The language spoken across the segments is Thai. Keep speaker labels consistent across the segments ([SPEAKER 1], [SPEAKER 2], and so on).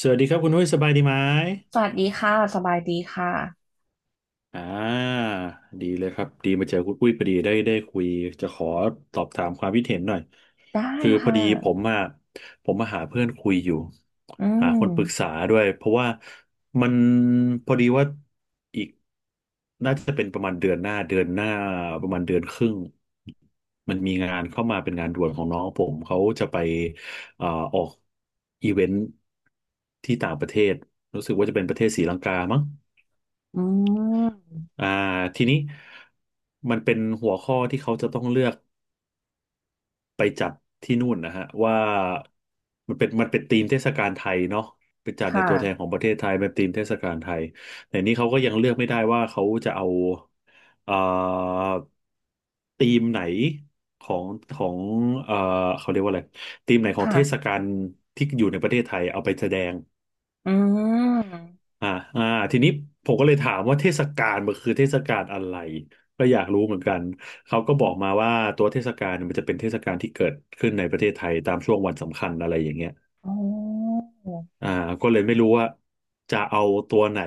[SPEAKER 1] สวัสดีครับคุณนุ้ยสบายดีไหม
[SPEAKER 2] สวัสดีค่ะสบายดีค่ะ
[SPEAKER 1] อ่าดีเลยครับดีมาเจอคุณปุ้ยพอดีได้คุยจะขอสอบถามความคิดเห็นหน่อย
[SPEAKER 2] ได้
[SPEAKER 1] คือพอ
[SPEAKER 2] ค่ะ
[SPEAKER 1] ดีผมอ่ะผมมาหาเพื่อนคุยอยู่
[SPEAKER 2] อื
[SPEAKER 1] หา
[SPEAKER 2] ม
[SPEAKER 1] คนปรึกษาด้วยเพราะว่ามันพอดีว่าอีกน่าจะเป็นประมาณเดือนหน้าเดือนหน้าประมาณเดือนครึ่งมันมีงานเข้ามาเป็นงานด่วนของน้องผมเขาจะไปเอ่อออกอีเวนท์ที่ต่างประเทศรู้สึกว่าจะเป็นประเทศศรีลังกามั้ง
[SPEAKER 2] อืม
[SPEAKER 1] อ่าทีนี้มันเป็นหัวข้อที่เขาจะต้องเลือกไปจัดที่นู่นนะฮะว่ามันเป็นธีมเทศกาลไทยเนาะไปจัดใน
[SPEAKER 2] ค่ะ
[SPEAKER 1] ตัวแทนของประเทศไทยเป็นธีมเทศกาลไทยแต่นี้เขาก็ยังเลือกไม่ได้ว่าเขาจะเอาเอ่อธีมไหนของของเอ่อเขาเรียกว่าอะไรธีมไหนของเทศ
[SPEAKER 2] ค่ะ
[SPEAKER 1] กาลที่อยู่ในประเทศไทยเอาไปแสดง
[SPEAKER 2] อืม
[SPEAKER 1] อ่าอ่าทีนี้ผมก็เลยถามว่าเทศกาลมันคือเทศกาลอะไรก็อยากรู้เหมือนกันเขาก็
[SPEAKER 2] อื
[SPEAKER 1] บอก
[SPEAKER 2] ม
[SPEAKER 1] มาว่าตัวเทศกาลเนี่ยมันจะเป็นเทศกาลที่เกิดขึ้นในประเทศไทยตามช่วงวันสำคัญอะไรอย่างเงี้ย
[SPEAKER 2] อ๋อ
[SPEAKER 1] อ่าก็เลยไม่รู้ว่าจะเอาตัวไหน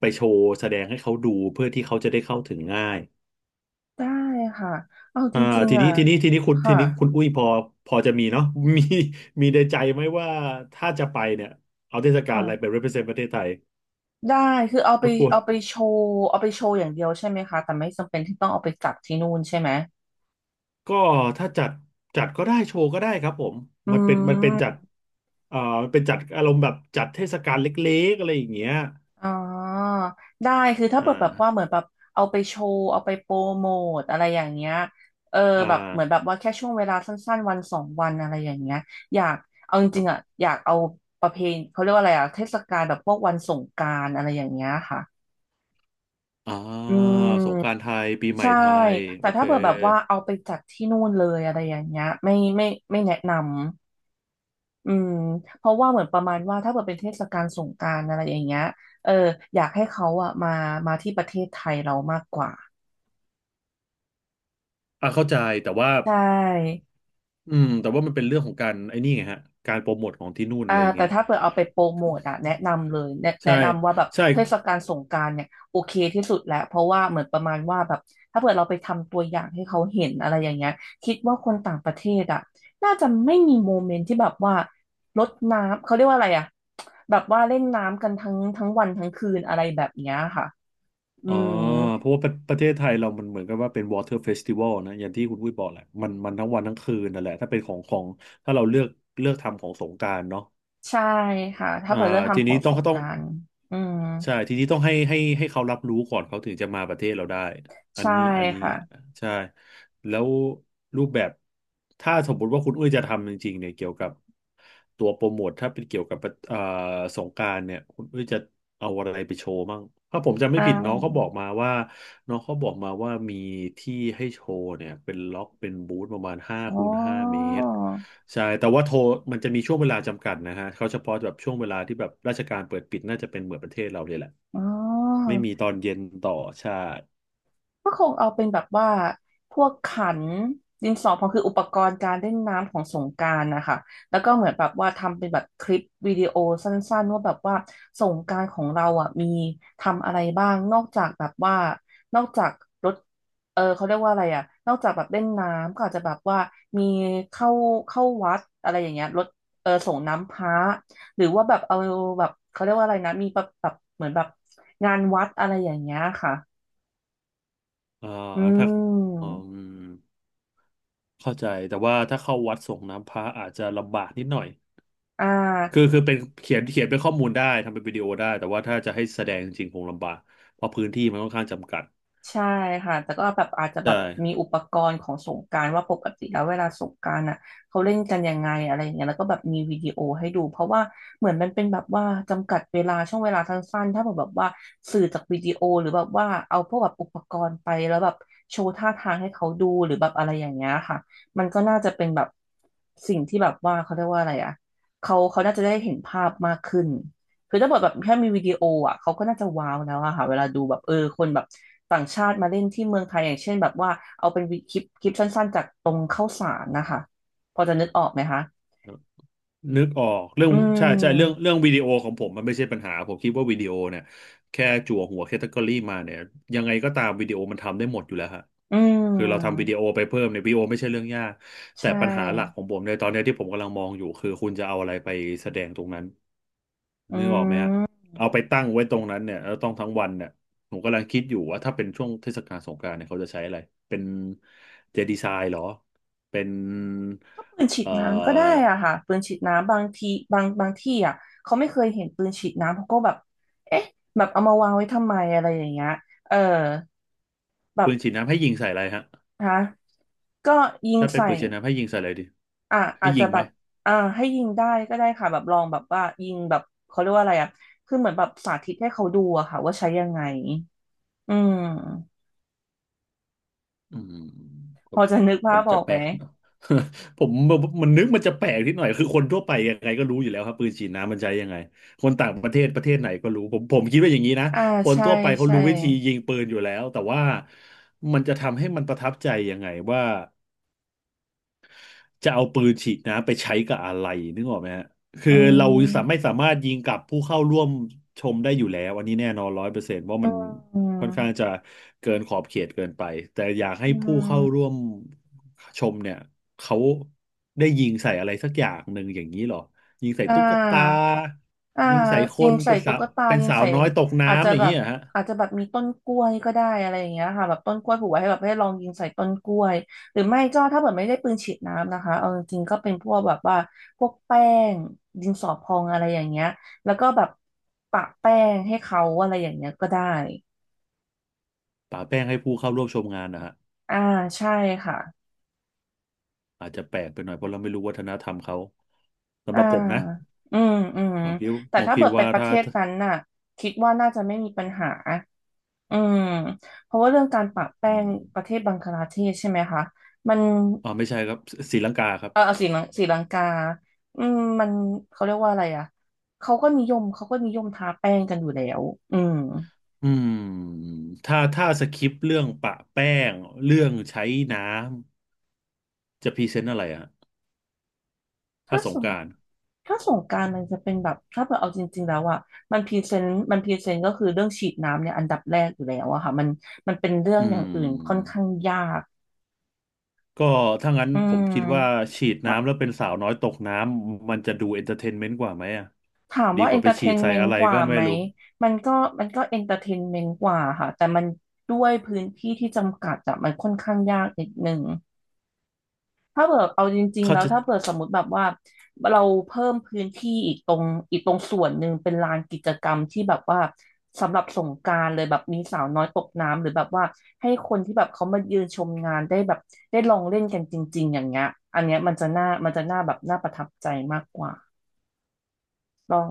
[SPEAKER 1] ไปโชว์แสดงให้เขาดูเพื่อที่เขาจะได้เข้าถึงง่าย
[SPEAKER 2] ได้ค่ะเอาจ
[SPEAKER 1] อ่า
[SPEAKER 2] ริง
[SPEAKER 1] ที
[SPEAKER 2] ๆ
[SPEAKER 1] นี้
[SPEAKER 2] อ่ะ
[SPEAKER 1] ทีนี้ทีนี้คุณที
[SPEAKER 2] ค่ะ
[SPEAKER 1] นี้คุณอุ้ยพอจะมีเนาะ มีมีในใจไหมว่าถ้าจะไปเนี่ยเอาเทศกาล
[SPEAKER 2] ค่ะ
[SPEAKER 1] อะไรไป represent ประเทศไทย
[SPEAKER 2] ได้คือเอาไป
[SPEAKER 1] รบกวน
[SPEAKER 2] เอาไปโชว์เอาไปโชว์อย่างเดียวใช่ไหมคะแต่ไม่จำเป็นที่ต้องเอาไปจับที่นู่นใช่ไหม
[SPEAKER 1] ก็ถ้าจัดก็ได้โชว์ก็ได้ครับผม
[SPEAKER 2] อื
[SPEAKER 1] มันเป็นมันเป็นจัด
[SPEAKER 2] ม
[SPEAKER 1] เอ่อมันเป็นจัดอารมณ์แบบจัดเทศกาลเล็กๆอะไรอย่างเงี้ย
[SPEAKER 2] อ๋อได้คือถ้า
[SPEAKER 1] อ่
[SPEAKER 2] เปิดแบบว่า
[SPEAKER 1] า
[SPEAKER 2] เหมือนแบบเอาไปโชว์เอาไปโปรโมทอะไรอย่างเงี้ยเออ
[SPEAKER 1] อ่
[SPEAKER 2] แบบเหมือนแบ
[SPEAKER 1] า
[SPEAKER 2] บว่าแค่ช่วงเวลาสั้นๆวันสองวันอะไรอย่างเงี้ยอยากเอาจ
[SPEAKER 1] ค
[SPEAKER 2] ริ
[SPEAKER 1] รั
[SPEAKER 2] งๆอ่ะ
[SPEAKER 1] บ
[SPEAKER 2] อยากเอาประเพณีเขาเรียกว่าอะไรอ่ะเทศกาลแบบพวกวันสงกรานต์อะไรอย่างเงี้ยค่ะ
[SPEAKER 1] อ่า
[SPEAKER 2] อืม
[SPEAKER 1] สงกรานต์ไทยปีใหม่
[SPEAKER 2] ใช่
[SPEAKER 1] ไทย
[SPEAKER 2] แต่
[SPEAKER 1] โอ
[SPEAKER 2] ถ้า
[SPEAKER 1] เค
[SPEAKER 2] เปิดแบบว่าเอาไปจัดที่นู่นเลยอะไรอย่างเงี้ยไม่ไม่แนะนำ อืมเพราะว่าเหมือนประมาณว่าถ้าเกิดเป็นเทศกาลสงกรานต์อะไรอย่างเงี้ยเอออยากให้เขาอะมาที่ประเทศไทยเรามากกว่า
[SPEAKER 1] เข้าใจแต่ว่า
[SPEAKER 2] ใช่
[SPEAKER 1] แต่ว่ามันเป็นเรื่องของการไอ้นี่ไงฮะการโปรโมทของที่นู่น
[SPEAKER 2] อ่า
[SPEAKER 1] อะไรอย่าง
[SPEAKER 2] แต่
[SPEAKER 1] เงี้ย
[SPEAKER 2] ถ้าเกิดเอาไปโปรโมทอะแนะนำเลยแนะแนะ
[SPEAKER 1] ใช่
[SPEAKER 2] นำว่าแบบ
[SPEAKER 1] ใช่
[SPEAKER 2] เทศกาลสงกรานต์เนี่ยโอเคที่สุดแล้วเพราะว่าเหมือนประมาณว่าแบบถ้าเกิดเราไปทำตัวอย่างให้เขาเห็นอะไรอย่างเงี้ยคิดว่าคนต่างประเทศอะน่าจะไม่มีโมเมนต์ที่แบบว่ารดน้ำเขาเรียกว่าอะไรอะแบบว่าเล่นน้ำกันทั้งวันทั้งคืนอะไรแบบเนี้ยค่ะอื
[SPEAKER 1] อ๋อ
[SPEAKER 2] ม
[SPEAKER 1] เพราะว่าประเทศไทยเรามันเหมือนกับว่าเป็น Water Festival นะอย่างที่คุณวุ้ยบอกแหละมันมันทั้งวันทั้งคืนนั่นแหละถ้าเป็นของของถ้าเราเลือกทำของสงกรานต์เนาะ
[SPEAKER 2] ใช่ค่ะถ้า
[SPEAKER 1] อ่า
[SPEAKER 2] เปิดเลือก
[SPEAKER 1] ที
[SPEAKER 2] ทำขอ
[SPEAKER 1] นี้
[SPEAKER 2] ง
[SPEAKER 1] ต้อ
[SPEAKER 2] ส
[SPEAKER 1] ง
[SPEAKER 2] งก
[SPEAKER 1] ต้อง
[SPEAKER 2] รานต์อืม
[SPEAKER 1] ใช่ทีนี้ต้องให้เขารับรู้ก่อนเขาถึงจะมาประเทศเราได้อัน
[SPEAKER 2] ใช่
[SPEAKER 1] นี้อันนี้
[SPEAKER 2] ค่ะ
[SPEAKER 1] ใช่แล้วรูปแบบถ้าสมมติว่าคุณอุ้ยจะทำจริงๆเนี่ยเกี่ยวกับตัวโปรโมทถ้าเป็นเกี่ยวกับเอ่อสงกรานต์เนี่ยคุณอุ้ยจะเอาอะไรไปโชว์บ้างถ้าผมจำไม่
[SPEAKER 2] อ่
[SPEAKER 1] ผิดน้องเขาบอ
[SPEAKER 2] า
[SPEAKER 1] กมาว่าน้องเขาบอกมาว่ามีที่ให้โชว์เนี่ยเป็นล็อกเป็นบูธประมาณห้า
[SPEAKER 2] อ๋อ
[SPEAKER 1] คูณห้าเมตร ใช่แต่ว่าโทรมันจะมีช่วงเวลาจำกัดนะฮะเขาเฉพาะแบบช่วงเวลาที่แบบราชการเปิดปิดน่าจะเป็นเหมือนประเทศเราเลยแหละ
[SPEAKER 2] อ๋อ
[SPEAKER 1] ไม่มีตอนเย็นต่อใช่
[SPEAKER 2] ก็คงเอาเป็นแบบว่าพวกขันดินสอพองคืออุปกรณ์การเล่นน้ำของสงกรานต์นะคะแล้วก็เหมือนแบบว่าทำเป็นแบบคลิปวิดีโอสั้นๆว่าแบบว่าสงกรานต์ของเราอ่ะมีทำอะไรบ้างนอกจากแบบว่านอกจากรถเออเขาเรียกว่าอะไรอ่ะนอกจากแบบเล่นน้ำก็อาจจะแบบว่ามีเข้าเข้าวัดอะไรอย่างเงี้ยรถเออส่งน้ำพระหรือว่าแบบเอาแบบเขาเรียกว่าอะไรนะมีแบบเหมือนแบบงานวัดอะไรอย่างเงี้ยค่ะ
[SPEAKER 1] อ่า
[SPEAKER 2] อื
[SPEAKER 1] ถ้าอื
[SPEAKER 2] ม
[SPEAKER 1] มเข้าใจแต่ว่าถ้าเข้าวัดส่งน้ำพระอาจจะลำบากนิดหน่อย
[SPEAKER 2] อ่
[SPEAKER 1] คือ
[SPEAKER 2] า
[SPEAKER 1] คือเป็นเขียนเป็นข้อมูลได้ทำเป็นวิดีโอได้แต่ว่าถ้าจะให้แสดงจริงๆคงลำบากเพราะพื้นที่มันค่อนข้างจำกัด
[SPEAKER 2] ใช่ค่ะแต่ก็แบบอาจจะแบ
[SPEAKER 1] ใช่
[SPEAKER 2] บมีอุปกรณ์ของสงกรานต์ว่าปกติแล้วเวลาสงกรานต์อ่ะเขาเล่นกันยังไงอะไรอย่างเงี้ยแล้วก็แบบมีวิดีโอให้ดูเพราะว่าเหมือนมันเป็นแบบว่าจำกัดเวลาช่วงเวลาสั้นๆถ้าแบบว่าสื่อจากวิดีโอหรือแบบว่าเอาพวกแบบอุปกรณ์ไปแล้วแบบโชว์ท่าทางให้เขาดูหรือแบบอะไรอย่างเงี้ยค่ะมันก็น่าจะเป็นแบบสิ่งที่แบบว่าเขาเรียกว่าอะไรอ่ะเขาน่าจะได้เห็นภาพมากขึ้น คือถ้าบทแบบแค่มีวิดีโออ่ะเขาก็น่าจะว้าวแล้วอะค่ะเวลาดูแบบเออคนแบบต่างชาติมาเล่นที่เมืองไทยอย่างเช่นแบบว่าเอาเป็นวิคลิปสั้นๆจากตรงข้าวสารนะคะพอจะนึกออกไหมคะ
[SPEAKER 1] นึกออกเรื่อง
[SPEAKER 2] อื
[SPEAKER 1] ใช่ใช่เรื่อง
[SPEAKER 2] ม
[SPEAKER 1] เรื่องวิดีโอของผมมันไม่ใช่ปัญหาผมคิดว่าวิดีโอเนี่ยแค่จั่วหัวแคตตากรีมาเนี่ยยังไงก็ตามวิดีโอมันทำได้หมดอยู่แล้วฮะ
[SPEAKER 2] อื
[SPEAKER 1] คือเราทำวิ
[SPEAKER 2] ม
[SPEAKER 1] ดีโอไปเพิ่มเนี่ยวิดีโอไม่ใช่เรื่องยาก
[SPEAKER 2] ใช
[SPEAKER 1] แต่ปัญหาหลัก
[SPEAKER 2] ่
[SPEAKER 1] ของผมในตอนเนี้ยที่ผมกำลังมองอยู่คือคุณจะเอาอะไรไปแสดงตรงนั้น
[SPEAKER 2] อื
[SPEAKER 1] นึกออกไหมฮะ
[SPEAKER 2] ม
[SPEAKER 1] เอาไปตั้งไว้ตรงนั้นเนี่ยแล้วต้องทั้งวันเนี่ยผมกำลังคิดอยู่ว่าถ้าเป็นช่วงเทศกาลสงกรานต์เนี่ยเขาจะใช้อะไรเป็นเจดีไซน์เหรอเป็น
[SPEAKER 2] ก็ปืนฉีด
[SPEAKER 1] เอ่
[SPEAKER 2] น้ำก็ได้
[SPEAKER 1] อ
[SPEAKER 2] อ่ะค่ะปืนฉีดน้ำบางทีบางที่อ่ะเขาไม่เคยเห็นปืนฉีดน้ำเขาก็แบบเอ๊ะแบบเอามาวางไว้ทำไมอะไรอย่างเงี้ยเออแบ
[SPEAKER 1] ปื
[SPEAKER 2] บ
[SPEAKER 1] นฉีดน้ำให้ยิงใส่อะไรฮะ
[SPEAKER 2] ฮะก็ยิง
[SPEAKER 1] ถ้าเป็น
[SPEAKER 2] ใส่
[SPEAKER 1] ปืนฉีดน้ำให้ยิงใส่อะไรดี
[SPEAKER 2] อ่า
[SPEAKER 1] ให้
[SPEAKER 2] อาจ
[SPEAKER 1] ยิ
[SPEAKER 2] จะ
[SPEAKER 1] ง
[SPEAKER 2] แบ
[SPEAKER 1] ไหม
[SPEAKER 2] บอ่าให้ยิงได้ก็ได้ค่ะแบบลองแบบว่ายิงแบบเขาเรียกว่าอะไรอ่ะคือเหมือนแบบสาธิตให้เขาดูอะค่ะว่าใช้ยังไงอืม
[SPEAKER 1] อืมก็
[SPEAKER 2] พอจะนึกภา
[SPEAKER 1] มัน
[SPEAKER 2] พอ
[SPEAKER 1] จะ
[SPEAKER 2] อก
[SPEAKER 1] แป
[SPEAKER 2] ไห
[SPEAKER 1] ล
[SPEAKER 2] ม
[SPEAKER 1] กเนอะ ผมมันนึกมันจะแปลกนิดหน่อยคือคนทั่วไปยังไงก็รู้อยู่แล้วครับปืนฉีดน้ำมันใช้ยังไงคนต่างประเทศประเทศไหนก็รู้ผมคิดว่าอย่างนี้นะ
[SPEAKER 2] อ่า
[SPEAKER 1] คน
[SPEAKER 2] ใช่
[SPEAKER 1] ทั่วไปเขา
[SPEAKER 2] ใช่
[SPEAKER 1] รู้วิธียิงปืนอยู่แล้วแต่ว่ามันจะทำให้มันประทับใจยังไงว่า จะเอาปืนฉีดน้ำไปใช้กับอะไรนึกออกไหมฮะคือ
[SPEAKER 2] อื
[SPEAKER 1] เราสาม
[SPEAKER 2] ม
[SPEAKER 1] ไม่สามารถยิงกับผู้เข้าร่วมชมได้อยู่แล้วอันนี้แน่นอนร้อยเปอร์เซนต์ว่ามัน
[SPEAKER 2] อื
[SPEAKER 1] ค่อน
[SPEAKER 2] ม
[SPEAKER 1] ข้างจะเกินขอบเขตเกินไปแต่อยากให้
[SPEAKER 2] อื
[SPEAKER 1] ผู้เข้าร่ว
[SPEAKER 2] ม
[SPEAKER 1] มชมเนี่ยเขาได้ยิงใส่อะไรสักอย่างหนึ่งอย่างนี้เหรอยิงใส่
[SPEAKER 2] อ่
[SPEAKER 1] ตุ๊กตา
[SPEAKER 2] า อ่า
[SPEAKER 1] ยิงใส่ค
[SPEAKER 2] ยิง
[SPEAKER 1] น
[SPEAKER 2] ใส่
[SPEAKER 1] เป็นสา
[SPEAKER 2] ตุ๊
[SPEAKER 1] ว
[SPEAKER 2] กตา
[SPEAKER 1] เป็น
[SPEAKER 2] ยิง
[SPEAKER 1] สาว
[SPEAKER 2] ใส่
[SPEAKER 1] น้อยตก
[SPEAKER 2] อาจจะ
[SPEAKER 1] น้ำอย่าง
[SPEAKER 2] แบ
[SPEAKER 1] นี้
[SPEAKER 2] บ
[SPEAKER 1] เหรอฮะ
[SPEAKER 2] อาจจะแบบมีต้นกล้วยก็ได้อะไรอย่างเงี้ยค่ะแบบต้นกล้วยผูกไว้ให้แบบให้ลองยิงใส่ต้นกล้วยหรือไม่ก็ถ้าเกิดไม่ได้ปืนฉีดน้ำนะคะเอาจริงๆก็เป็นพวกแบบว่าพวกแป้งดินสอพองอะไรอย่างเงี้ยแล้วก็แบบปะแป้งให้เขาอะไรอย่างเงี้ยก็ได้
[SPEAKER 1] ป่าแป้งให้ผู้เข้าร่วมชมงานนะฮะ
[SPEAKER 2] อ่าใช่ค่ะ
[SPEAKER 1] อาจจะแปลกไปหน่อยเพราะเราไม่รู้วัฒนธรรมเขาสำห
[SPEAKER 2] อ่า
[SPEAKER 1] รับผมนะ
[SPEAKER 2] อืมอืม
[SPEAKER 1] ผมคิด
[SPEAKER 2] แต่ถ้าเบิดไป
[SPEAKER 1] ว่า
[SPEAKER 2] ประเท
[SPEAKER 1] ถ้า
[SPEAKER 2] ศนั้นน่ะคิดว่าน่าจะไม่มีปัญหา อืมเพราะว่าเรื่องการปะแป้
[SPEAKER 1] อื
[SPEAKER 2] ง
[SPEAKER 1] ม
[SPEAKER 2] ประเทศบังคลาเทศใช่ไหมคะมัน
[SPEAKER 1] อ๋อไม่ใช่ครับศรีลังกาครับ
[SPEAKER 2] เออศรีลังกาอืมมันเขาเรียกว่าอะไรอ่ะเขาก็นิยมทาแป้งกันอยู่แล้วอืม
[SPEAKER 1] อืมถ้าสคริปต์เรื่องปะแป้งเรื่องใช้น้ำจะพรีเซนต์อะไรอะถ้า
[SPEAKER 2] ถ้า
[SPEAKER 1] ส
[SPEAKER 2] ส
[SPEAKER 1] ง
[SPEAKER 2] ง
[SPEAKER 1] กรานต์
[SPEAKER 2] ถ้าสงกรานต์มันจะเป็นแบบถ้าเกิดเอาจริงๆแล้วอ่ะมันพรีเซนต์ก็คือเรื่องฉีดน้ำเนี่ยอันดับแรกอยู่แล้วอะค่ะมันเป็นเรื่อง
[SPEAKER 1] อื
[SPEAKER 2] อย่างอื่นค่อน
[SPEAKER 1] ม
[SPEAKER 2] ข้างยาก
[SPEAKER 1] ก็ถ้างั้น
[SPEAKER 2] อื
[SPEAKER 1] ผมคิดว่า
[SPEAKER 2] ม
[SPEAKER 1] ฉีดน้ำแล้วเป็นสาวน้อยตกน้ำมันจะดูเอนเตอร์เทนเมนต์กว่าไหมอ่ะ
[SPEAKER 2] ถาม
[SPEAKER 1] ดี
[SPEAKER 2] ว่า
[SPEAKER 1] ก
[SPEAKER 2] เอ
[SPEAKER 1] ว่า
[SPEAKER 2] น
[SPEAKER 1] ไป
[SPEAKER 2] เตอร์เท
[SPEAKER 1] ฉีด
[SPEAKER 2] น
[SPEAKER 1] ใส่
[SPEAKER 2] เมน
[SPEAKER 1] อะ
[SPEAKER 2] ต์
[SPEAKER 1] ไร
[SPEAKER 2] กว่า
[SPEAKER 1] ก็ไม่
[SPEAKER 2] ไหม
[SPEAKER 1] รู้
[SPEAKER 2] มันก็เอนเตอร์เทนเมนต์กว่าค่ะแต่มันด้วยพื้นที่ที่จำกัดอะมันค่อนข้างยากนิดหนึ่ง ถ้าเกิดเอาจริงๆ
[SPEAKER 1] เขา
[SPEAKER 2] แล้ว
[SPEAKER 1] จะ
[SPEAKER 2] ถ้าเกิดสมมติแบบว่าเราเพิ่มพื้นที่อีกตรงอีกตรงส่วนหนึ่งเป็นลานกิจกรรมที่แบบว่าสำหรับสงกรานต์เลยแบบมีสาวน้อยตกน้ำหรือแบบว่าให้คนที่แบบเขามายืนชมงานได้แบบได้ลองเล่นกันจริงๆอย่างเงี้ยอันเนี้ยมันจะน่ามันจะน่าแบบน่าประทับใจมากกว่า ลอง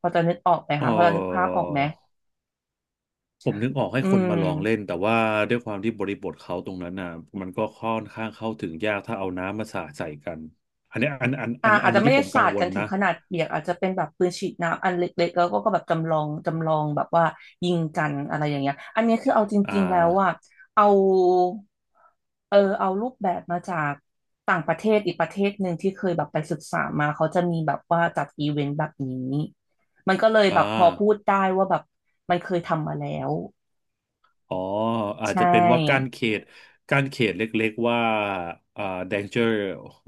[SPEAKER 2] พอจะนึกออกไหม
[SPEAKER 1] เอ
[SPEAKER 2] คะพอจะนึกภาพออกไหม
[SPEAKER 1] อ ผมนึกออกให้
[SPEAKER 2] อื
[SPEAKER 1] คนมา
[SPEAKER 2] ม
[SPEAKER 1] ลองเล่นแต่ว่าด้วยความที่บริบทเขาตรงนั้นน่ะมันก็ค่อนข้างเข้าถึงยากถ้าเอาน้ำมาสาดใส่กันอันนี้อันอันอั
[SPEAKER 2] อ่า
[SPEAKER 1] นอั
[SPEAKER 2] อาจ
[SPEAKER 1] น
[SPEAKER 2] จะ
[SPEAKER 1] นี้
[SPEAKER 2] ไม่
[SPEAKER 1] ที่
[SPEAKER 2] ได้
[SPEAKER 1] ผมกั
[SPEAKER 2] สา
[SPEAKER 1] ง
[SPEAKER 2] ด
[SPEAKER 1] ว
[SPEAKER 2] กั
[SPEAKER 1] ล
[SPEAKER 2] นถึง
[SPEAKER 1] นะ
[SPEAKER 2] ขนาดเปียกอาจจะเป็นแบบปืนฉีดน้ำอันเล็กๆแล้วก็แบบจำลองแบบว่ายิงกันอะไรอย่างเงี้ยอันนี้คือเอาจ
[SPEAKER 1] อ่
[SPEAKER 2] ริงๆแล้วว่า
[SPEAKER 1] า
[SPEAKER 2] เอาเอารูปแบบมาจากต่างประเทศอีกประเทศหนึ่งที่เคยแบบไปศึกษามาเขาจะมีแบบว่าจัดอีเวนต์แบบนี้ มันก็เลยแบ
[SPEAKER 1] อ่า
[SPEAKER 2] บพอพูดได้ว่าแบบมันเคยทำมาแล้ว
[SPEAKER 1] อ๋ออา
[SPEAKER 2] ใช
[SPEAKER 1] จจะเป็นว่ากั้น
[SPEAKER 2] ่
[SPEAKER 1] เขตกั้นเขตเล็กๆว่าอ่า danger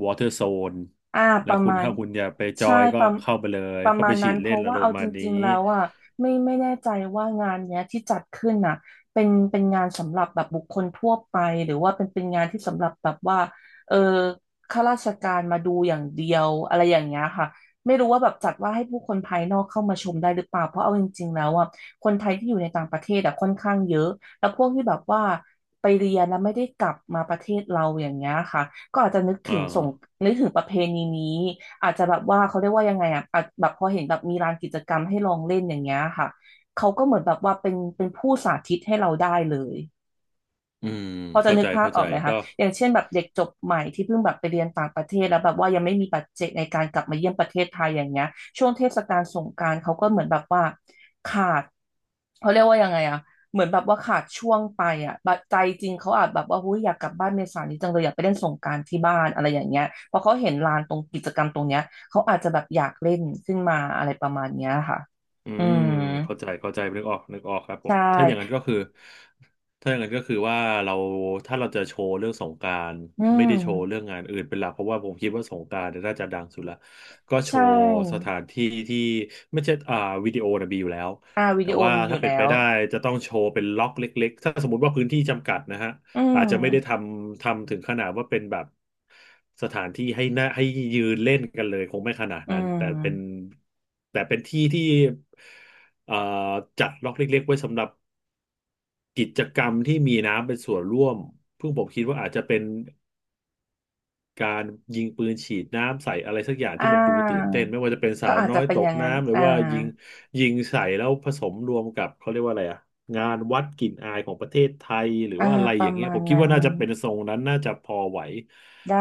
[SPEAKER 1] water zone
[SPEAKER 2] อ่าป
[SPEAKER 1] แล้ว
[SPEAKER 2] ระ
[SPEAKER 1] คุณ
[SPEAKER 2] มาณ
[SPEAKER 1] ถ้าคุณอยากไปจอ
[SPEAKER 2] ใช่
[SPEAKER 1] ยก็
[SPEAKER 2] ประ
[SPEAKER 1] เข้าไปเลย
[SPEAKER 2] ประ
[SPEAKER 1] เข้า
[SPEAKER 2] มา
[SPEAKER 1] ไป
[SPEAKER 2] ณ
[SPEAKER 1] ฉี
[SPEAKER 2] นั้น
[SPEAKER 1] ด
[SPEAKER 2] เพ
[SPEAKER 1] เล่น
[SPEAKER 2] ราะ
[SPEAKER 1] ละ
[SPEAKER 2] ว่า
[SPEAKER 1] โรม
[SPEAKER 2] เอา
[SPEAKER 1] ณ์ประ
[SPEAKER 2] จ
[SPEAKER 1] มาณนี้
[SPEAKER 2] ริงๆแล้วอ่ะไม่แน่ใจว่างานเนี้ยที่จัดขึ้นน่ะเป็นงานสำหรับแบบบุคคลทั่วไปหรือว่าเป็นงานที่สำหรับแบบว่าเออข้าราชการมาดูอย่างเดียวอะไรอย่างเงี้ยค่ะไม่รู้ว่าแบบจัดว่าให้ผู้คนภายนอกเข้ามาชมได้หรือเปล่าเพราะเอาจริงๆแล้วอ่ะคนไทยที่อยู่ในต่างประเทศอ่ะค่อนข้างเยอะแล้วพวกที่แบบว่าไปเรียนแล้วไม่ได้กลับมาประเทศเราอย่างเงี้ยค่ะ ก็อาจจะนึก
[SPEAKER 1] อ่
[SPEAKER 2] ถึงส่ง
[SPEAKER 1] า
[SPEAKER 2] นึกถึงประเพณีนี้อาจจะแบบว่าเขาเรียกว่ายังไงอ่ะอาจแบบพอเห็นแบบมีลานกิจกรรมให้ลองเล่นอย่างเงี้ยค่ะเขาก็เหมือนแบบว่าเป็นผู้สาธิตให้เราได้เลย
[SPEAKER 1] อืม
[SPEAKER 2] พอจะ
[SPEAKER 1] เข้า
[SPEAKER 2] นึ
[SPEAKER 1] ใจ
[SPEAKER 2] กภาพ
[SPEAKER 1] เข้า
[SPEAKER 2] อ
[SPEAKER 1] ใจ
[SPEAKER 2] อกไหมคะ
[SPEAKER 1] ก็
[SPEAKER 2] อย่างเช่นแบบเด็กจบใหม่ที่เพิ่งแบบไปเรียนต่างประเทศแล้วแบบว่ายังไม่มีปัจเจกในการกลับมาเยี่ยมประเทศไทยอย่างเงี้ยช่วงเทศกาลสงกรานต์เขาก็เหมือนแบบว่าขาด เขาเรียกว่ายังไงอะเหมือนแบบว่าขาดช่วงไปอะแบบใจจริงเขาอาจแบบว่าหุ้ยอยากกลับบ้านเมษานี้จังเลยอยากไปเล่นสงกรานต์ที่บ้านอะไรอย่างเงี้ยพอเขาเห็นลานตรงกิจกรรมตรงเนี้ยเขาอาจจะแบบอยากเล่นขึ้นมาอะไรประมาณเนี้ยค่ะ
[SPEAKER 1] อื
[SPEAKER 2] อื
[SPEAKER 1] ม
[SPEAKER 2] ม
[SPEAKER 1] เข้าใจเข้าใจนึกออกนึกออกครับผ
[SPEAKER 2] ใช
[SPEAKER 1] มถ้าอย่างนั้
[SPEAKER 2] ่
[SPEAKER 1] นก็คือถ้าอย่างนั้นก็คือว่าเราถ้าเราจะโชว์เรื่องสงกรานต์
[SPEAKER 2] อื
[SPEAKER 1] ไม่
[SPEAKER 2] ม
[SPEAKER 1] ได้โชว์เรื่องงานอื่นเป็นหลักเพราะว่าผมคิดว่าสงกรานต์เนี่ยน่าจะดังสุดละก็โช
[SPEAKER 2] ใช่
[SPEAKER 1] ว์สถานที่ที่ไม่ใช่อ่าวิดีโอนะมีอยู่แล้ว
[SPEAKER 2] อ่าวิ
[SPEAKER 1] แต่
[SPEAKER 2] ดีโอ
[SPEAKER 1] ว่า
[SPEAKER 2] มีอ
[SPEAKER 1] ถ้า
[SPEAKER 2] ยู่
[SPEAKER 1] เป็น
[SPEAKER 2] แล้
[SPEAKER 1] ไป
[SPEAKER 2] ว
[SPEAKER 1] ได้จะต้องโชว์เป็นล็อกเล็กๆถ้าสมมติว่าพื้นที่จำกัดนะฮะ
[SPEAKER 2] อื
[SPEAKER 1] อาจจะไม่ได้ท
[SPEAKER 2] ม
[SPEAKER 1] ำถึงขนาดว่าเป็นแบบสถานที่ให้น่าให้ยืนเล่นกันเลยคงไม่ขนาด
[SPEAKER 2] อื
[SPEAKER 1] นั้นแต่เป็น
[SPEAKER 2] ม
[SPEAKER 1] แต่เป็นที่ที่เอ่อจัดล็อกเล็กๆไว้สำหรับกิจกรรมที่มีน้ำเป็นส่วนร่วมเพิ่งผมคิดว่าอาจจะเป็น การยิงปืนฉีดน้ำใส่อะไรสักอย่าง
[SPEAKER 2] อ่
[SPEAKER 1] ที่มันดูตื่น
[SPEAKER 2] า
[SPEAKER 1] เต้นไม่ว่าจะเป็นสา
[SPEAKER 2] ก็
[SPEAKER 1] ว
[SPEAKER 2] อาจ
[SPEAKER 1] น้
[SPEAKER 2] จะ
[SPEAKER 1] อย
[SPEAKER 2] เป็น
[SPEAKER 1] ต
[SPEAKER 2] อ
[SPEAKER 1] ก
[SPEAKER 2] ย่างนั้น
[SPEAKER 1] น้ำหรือ
[SPEAKER 2] อ่า
[SPEAKER 1] ว่ายิงใส่แล้วผสมรวมกับเขาเรียกว่าอะไรอะงานวัดกลิ่นอายของประเทศไทยหรือ
[SPEAKER 2] อ่า
[SPEAKER 1] ว่าอะไร
[SPEAKER 2] ป
[SPEAKER 1] อ
[SPEAKER 2] ระ
[SPEAKER 1] ย่างเงี้ย
[SPEAKER 2] มา
[SPEAKER 1] ผ
[SPEAKER 2] ณ
[SPEAKER 1] มคิด
[SPEAKER 2] นั้น
[SPEAKER 1] ว่าน่าจะเป็นทรงนั้นน่าจะพอไหว
[SPEAKER 2] ได้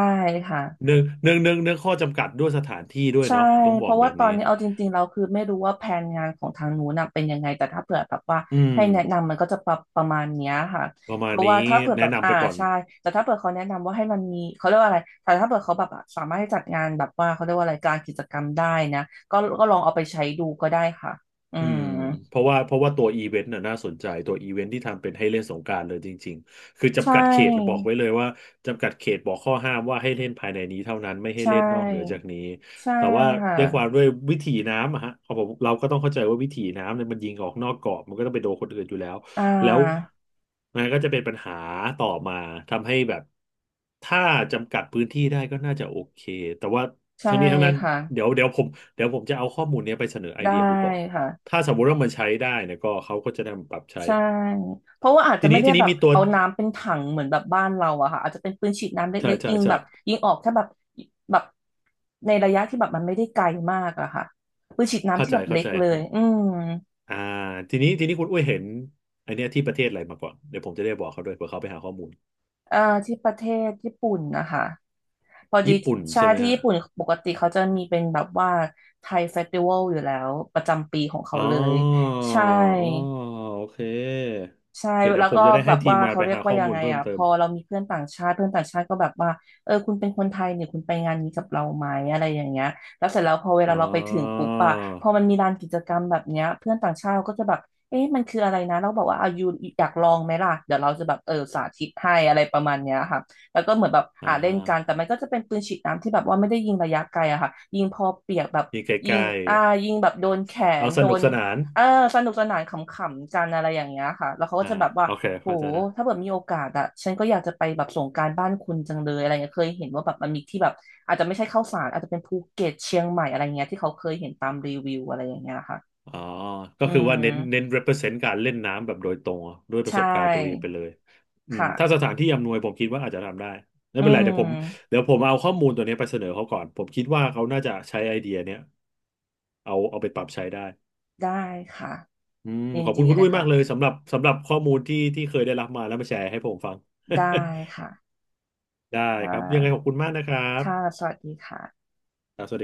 [SPEAKER 2] ค่ะ
[SPEAKER 1] เนื่องข้อจำกัดด้วยสถานที่ด้วย
[SPEAKER 2] ใช่
[SPEAKER 1] เนาะผมต้องบ
[SPEAKER 2] เพ
[SPEAKER 1] อก
[SPEAKER 2] ราะ
[SPEAKER 1] แบ
[SPEAKER 2] ว่า
[SPEAKER 1] บ
[SPEAKER 2] ตอ
[SPEAKER 1] นี้
[SPEAKER 2] นนี้เอาจริงๆเราคือไม่รู้ว่าแผนงานของทางนู้นน่ะเป็นยังไง แต่ถ้าเผื่อแบบว่า
[SPEAKER 1] อืม
[SPEAKER 2] ให้แนะนำมันก็จะประประมาณเนี้ยค่ะ
[SPEAKER 1] ประ
[SPEAKER 2] เพ
[SPEAKER 1] มาณ
[SPEAKER 2] ราะว่า
[SPEAKER 1] นี้
[SPEAKER 2] ถ้าเผื่อแบ
[SPEAKER 1] แนะ
[SPEAKER 2] บ
[SPEAKER 1] นำ
[SPEAKER 2] อ่า
[SPEAKER 1] ไปก่อน
[SPEAKER 2] ใช่แต่ถ้าเผื่อเขาแนะนำว่าให้มันมีเขาเรียกว่าอะไรแต่ถ้าเผื่อเขาแบบอ่ะสามารถให้จัดงานแบบว่าเขาเรียกว่าอะไรกลารกิจกรรมได้นะก็ลองเอาไปใช้ดูก็ได้ค่ะอื
[SPEAKER 1] อื
[SPEAKER 2] ม
[SPEAKER 1] มเพราะว่าตัวอีเวนต์น่ะน่าสนใจตัวอีเวนต์ที่ทำเป็นให้เล่นสงกรานต์เลยจริงๆคือ
[SPEAKER 2] ใช
[SPEAKER 1] จำกัดเขตบอก
[SPEAKER 2] ่
[SPEAKER 1] ไว้เลยว่าจำกัดเขตบอกข้อห้ามว่าให้เล่นภายในนี้เท่านั้นไม่ให้
[SPEAKER 2] ใช
[SPEAKER 1] เล่นนอกเหนือจา
[SPEAKER 2] ่
[SPEAKER 1] กนี้
[SPEAKER 2] ใช่
[SPEAKER 1] แต่ว่า
[SPEAKER 2] ค่ะ
[SPEAKER 1] ด้วยความด้วยวิถีน้ำอะฮะเอาผมเราก็ต้องเข้าใจว่าวิถีน้ำเนี่ยมันยิงออกนอกกรอบมันก็ต้องไปโดนคนอื่นอยู่แล้ว
[SPEAKER 2] อ่
[SPEAKER 1] แล้ว
[SPEAKER 2] า
[SPEAKER 1] มันก็จะเป็นปัญหาต่อมาทำให้แบบถ้าจำกัดพื้นที่ได้ก็น่าจะโอเคแต่ว่า
[SPEAKER 2] ใช่
[SPEAKER 1] ทั้งนี้ทั้งนั้น
[SPEAKER 2] ค่ะ
[SPEAKER 1] เดี๋ยวเดี๋ยวผมเดี๋ยวผมจะเอาข้อมูลเนี้ยไปเสนอไอ
[SPEAKER 2] ได้
[SPEAKER 1] เดียดูก่อน
[SPEAKER 2] ค่ะ
[SPEAKER 1] ถ้าสมมติว่ามันใช้ได้เนี่ยก็เขาก็จะนำปรับใช้
[SPEAKER 2] ใช่ เพราะว่าอาจจะ
[SPEAKER 1] ที
[SPEAKER 2] ไม่
[SPEAKER 1] นี้
[SPEAKER 2] ได้
[SPEAKER 1] ที
[SPEAKER 2] แบ
[SPEAKER 1] นี้
[SPEAKER 2] บ
[SPEAKER 1] มีตัว
[SPEAKER 2] เอาน้ำเป็นถังเหมือนแบบบ้านเราอะค่ะอาจจะเป็นปืนฉีดน้ำ
[SPEAKER 1] ใช่
[SPEAKER 2] เล็กๆ
[SPEAKER 1] ใช่
[SPEAKER 2] ยิง
[SPEAKER 1] ใช่
[SPEAKER 2] แบบยิงออกแค่แบบแบบในระยะที่แบบมันไม่ได้ไกลมากอะค่ะปืนฉีดน้ำ
[SPEAKER 1] เข้า
[SPEAKER 2] ที่
[SPEAKER 1] ใจ
[SPEAKER 2] แบบ
[SPEAKER 1] เข้า
[SPEAKER 2] เล็ก
[SPEAKER 1] ใจ
[SPEAKER 2] เลย
[SPEAKER 1] ฮะ
[SPEAKER 2] อืม
[SPEAKER 1] อ่าทีนี้คุณอุ้ยเห็นไอเนี้ยที่ประเทศอะไรมาก่อนเดี๋ยวผมจะได้บอกเขาด้วยเผื่อเขาไปหาข้อมูล
[SPEAKER 2] เอ่อที่ประเทศญี่ปุ่นนะคะพอดี
[SPEAKER 1] ญี่ปุ่น
[SPEAKER 2] ใช่
[SPEAKER 1] ใช่ไหม
[SPEAKER 2] ที่
[SPEAKER 1] ฮะ
[SPEAKER 2] ญี่ปุ่นปกติเขาจะมีเป็นแบบว่าไทยเฟสติวัลอยู่แล้วประจำปีของ
[SPEAKER 1] อ๋
[SPEAKER 2] เขา
[SPEAKER 1] อ
[SPEAKER 2] เลย
[SPEAKER 1] อ๋
[SPEAKER 2] ใช่
[SPEAKER 1] อโอเค
[SPEAKER 2] ใช่
[SPEAKER 1] โอเคเดี๋ย
[SPEAKER 2] แล้
[SPEAKER 1] ว
[SPEAKER 2] ว
[SPEAKER 1] ผม
[SPEAKER 2] ก็
[SPEAKER 1] จะได้
[SPEAKER 2] แบ
[SPEAKER 1] ให้
[SPEAKER 2] บ
[SPEAKER 1] ที
[SPEAKER 2] ว่า
[SPEAKER 1] มงาน
[SPEAKER 2] เขา
[SPEAKER 1] ไป
[SPEAKER 2] เรียก
[SPEAKER 1] หา
[SPEAKER 2] ว่า
[SPEAKER 1] ข้อ
[SPEAKER 2] ยัง
[SPEAKER 1] มูล
[SPEAKER 2] ไง
[SPEAKER 1] เพิ่ม
[SPEAKER 2] อ่ะพ
[SPEAKER 1] เติม
[SPEAKER 2] อเรามีเพื่อนต่างชาติเพื่อนต่างชาติก็แบบว่าคุณเป็นคนไทยเนี่ยคุณไปงานนี้กับเราไหมอะไรอย่างเงี้ยแล้วเสร็จแล้วพอเว
[SPEAKER 1] อ๋
[SPEAKER 2] ลา
[SPEAKER 1] อ
[SPEAKER 2] เราไปถึงปุ๊บอะพอมันมีลานกิจกรรมแบบเนี้ยเพื่อนต่างชาติเขาก็จะแบบเอ๊ะมันคืออะไรนะเราบอกว่าอายุอยากลองไหมล่ะเดี๋ยวเราจะแบบสาธิตให้อะไรประมาณเนี้ยค่ะแล้วก็เหมือนแบบอ่า
[SPEAKER 1] อ่า
[SPEAKER 2] เล่นกันแต่มันก็จะเป็นปืนฉีดน้ำที่แบบว่าไม่ได้ยิงระยะไกลอะค่ะยิงพอเปียกแบบ
[SPEAKER 1] นี่ใ
[SPEAKER 2] ยิ
[SPEAKER 1] ก
[SPEAKER 2] ง
[SPEAKER 1] ล้
[SPEAKER 2] อ่ายิงแบบโดนแข
[SPEAKER 1] ๆ
[SPEAKER 2] น
[SPEAKER 1] เอาส
[SPEAKER 2] โด
[SPEAKER 1] นุก
[SPEAKER 2] น
[SPEAKER 1] สนาน
[SPEAKER 2] เออสนุกสนานขำๆกันอะไรอย่างเงี้ยค่ะแล้วเขาก็
[SPEAKER 1] อ่า
[SPEAKER 2] จะแบบว่า
[SPEAKER 1] โอเค
[SPEAKER 2] โห
[SPEAKER 1] เข้าใจนะ
[SPEAKER 2] ถ้าเกิดมีโอกาสอะฉันก็อยากจะไปแบบสงกรานต์บ้านคุณจังเลยอะไรเงี้ยเคยเห็นว่าแบบมันมีที่แบบอาจจะไม่ใช่เข้าวสารอาจจะเป็นภูเก็ตเชียงใหม่อะไรเงี้ยที่เขาเคยเห็นตามรีวิวอะไรอย่างเงี้ยค่ะ
[SPEAKER 1] อ๋อก็
[SPEAKER 2] อื
[SPEAKER 1] คือว่าเน้นเน้น
[SPEAKER 2] ม
[SPEAKER 1] represent การเล่นน้ำแบบโดยตรงอะด้วยป
[SPEAKER 2] ใช
[SPEAKER 1] ระสบการณ์ตัวเองไป
[SPEAKER 2] ่
[SPEAKER 1] เลยอืม
[SPEAKER 2] ค่ะ
[SPEAKER 1] ถ้าสถานที่อำนวยผมคิดว่าอาจจะทำได้ไม่
[SPEAKER 2] อื
[SPEAKER 1] เป็นไร
[SPEAKER 2] ม
[SPEAKER 1] เดี๋ยวผมเอาข้อมูลตัวเนี้ยไปเสนอเขาก่อนผมคิดว่าเขาน่าจะใช้ไอเดียเนี้ยเอาไปปรับใช้ได้
[SPEAKER 2] ได้ค่ะ
[SPEAKER 1] อืม
[SPEAKER 2] ยิ
[SPEAKER 1] ข
[SPEAKER 2] น
[SPEAKER 1] อบคุณ
[SPEAKER 2] ดี
[SPEAKER 1] คุณ
[SPEAKER 2] เล
[SPEAKER 1] ด้
[SPEAKER 2] ย
[SPEAKER 1] วยมา
[SPEAKER 2] ค่ะ
[SPEAKER 1] กเลยสำหรับข้อมูลที่เคยได้รับมาแล้วมาแชร์ให้ผมฟัง
[SPEAKER 2] ได้ค่ะ
[SPEAKER 1] ได้
[SPEAKER 2] ค่
[SPEAKER 1] ครับยังไงข
[SPEAKER 2] ะ
[SPEAKER 1] อบคุณมากนะครับ
[SPEAKER 2] ค่ะสวัสดีค่ะ
[SPEAKER 1] ครับสวัสดี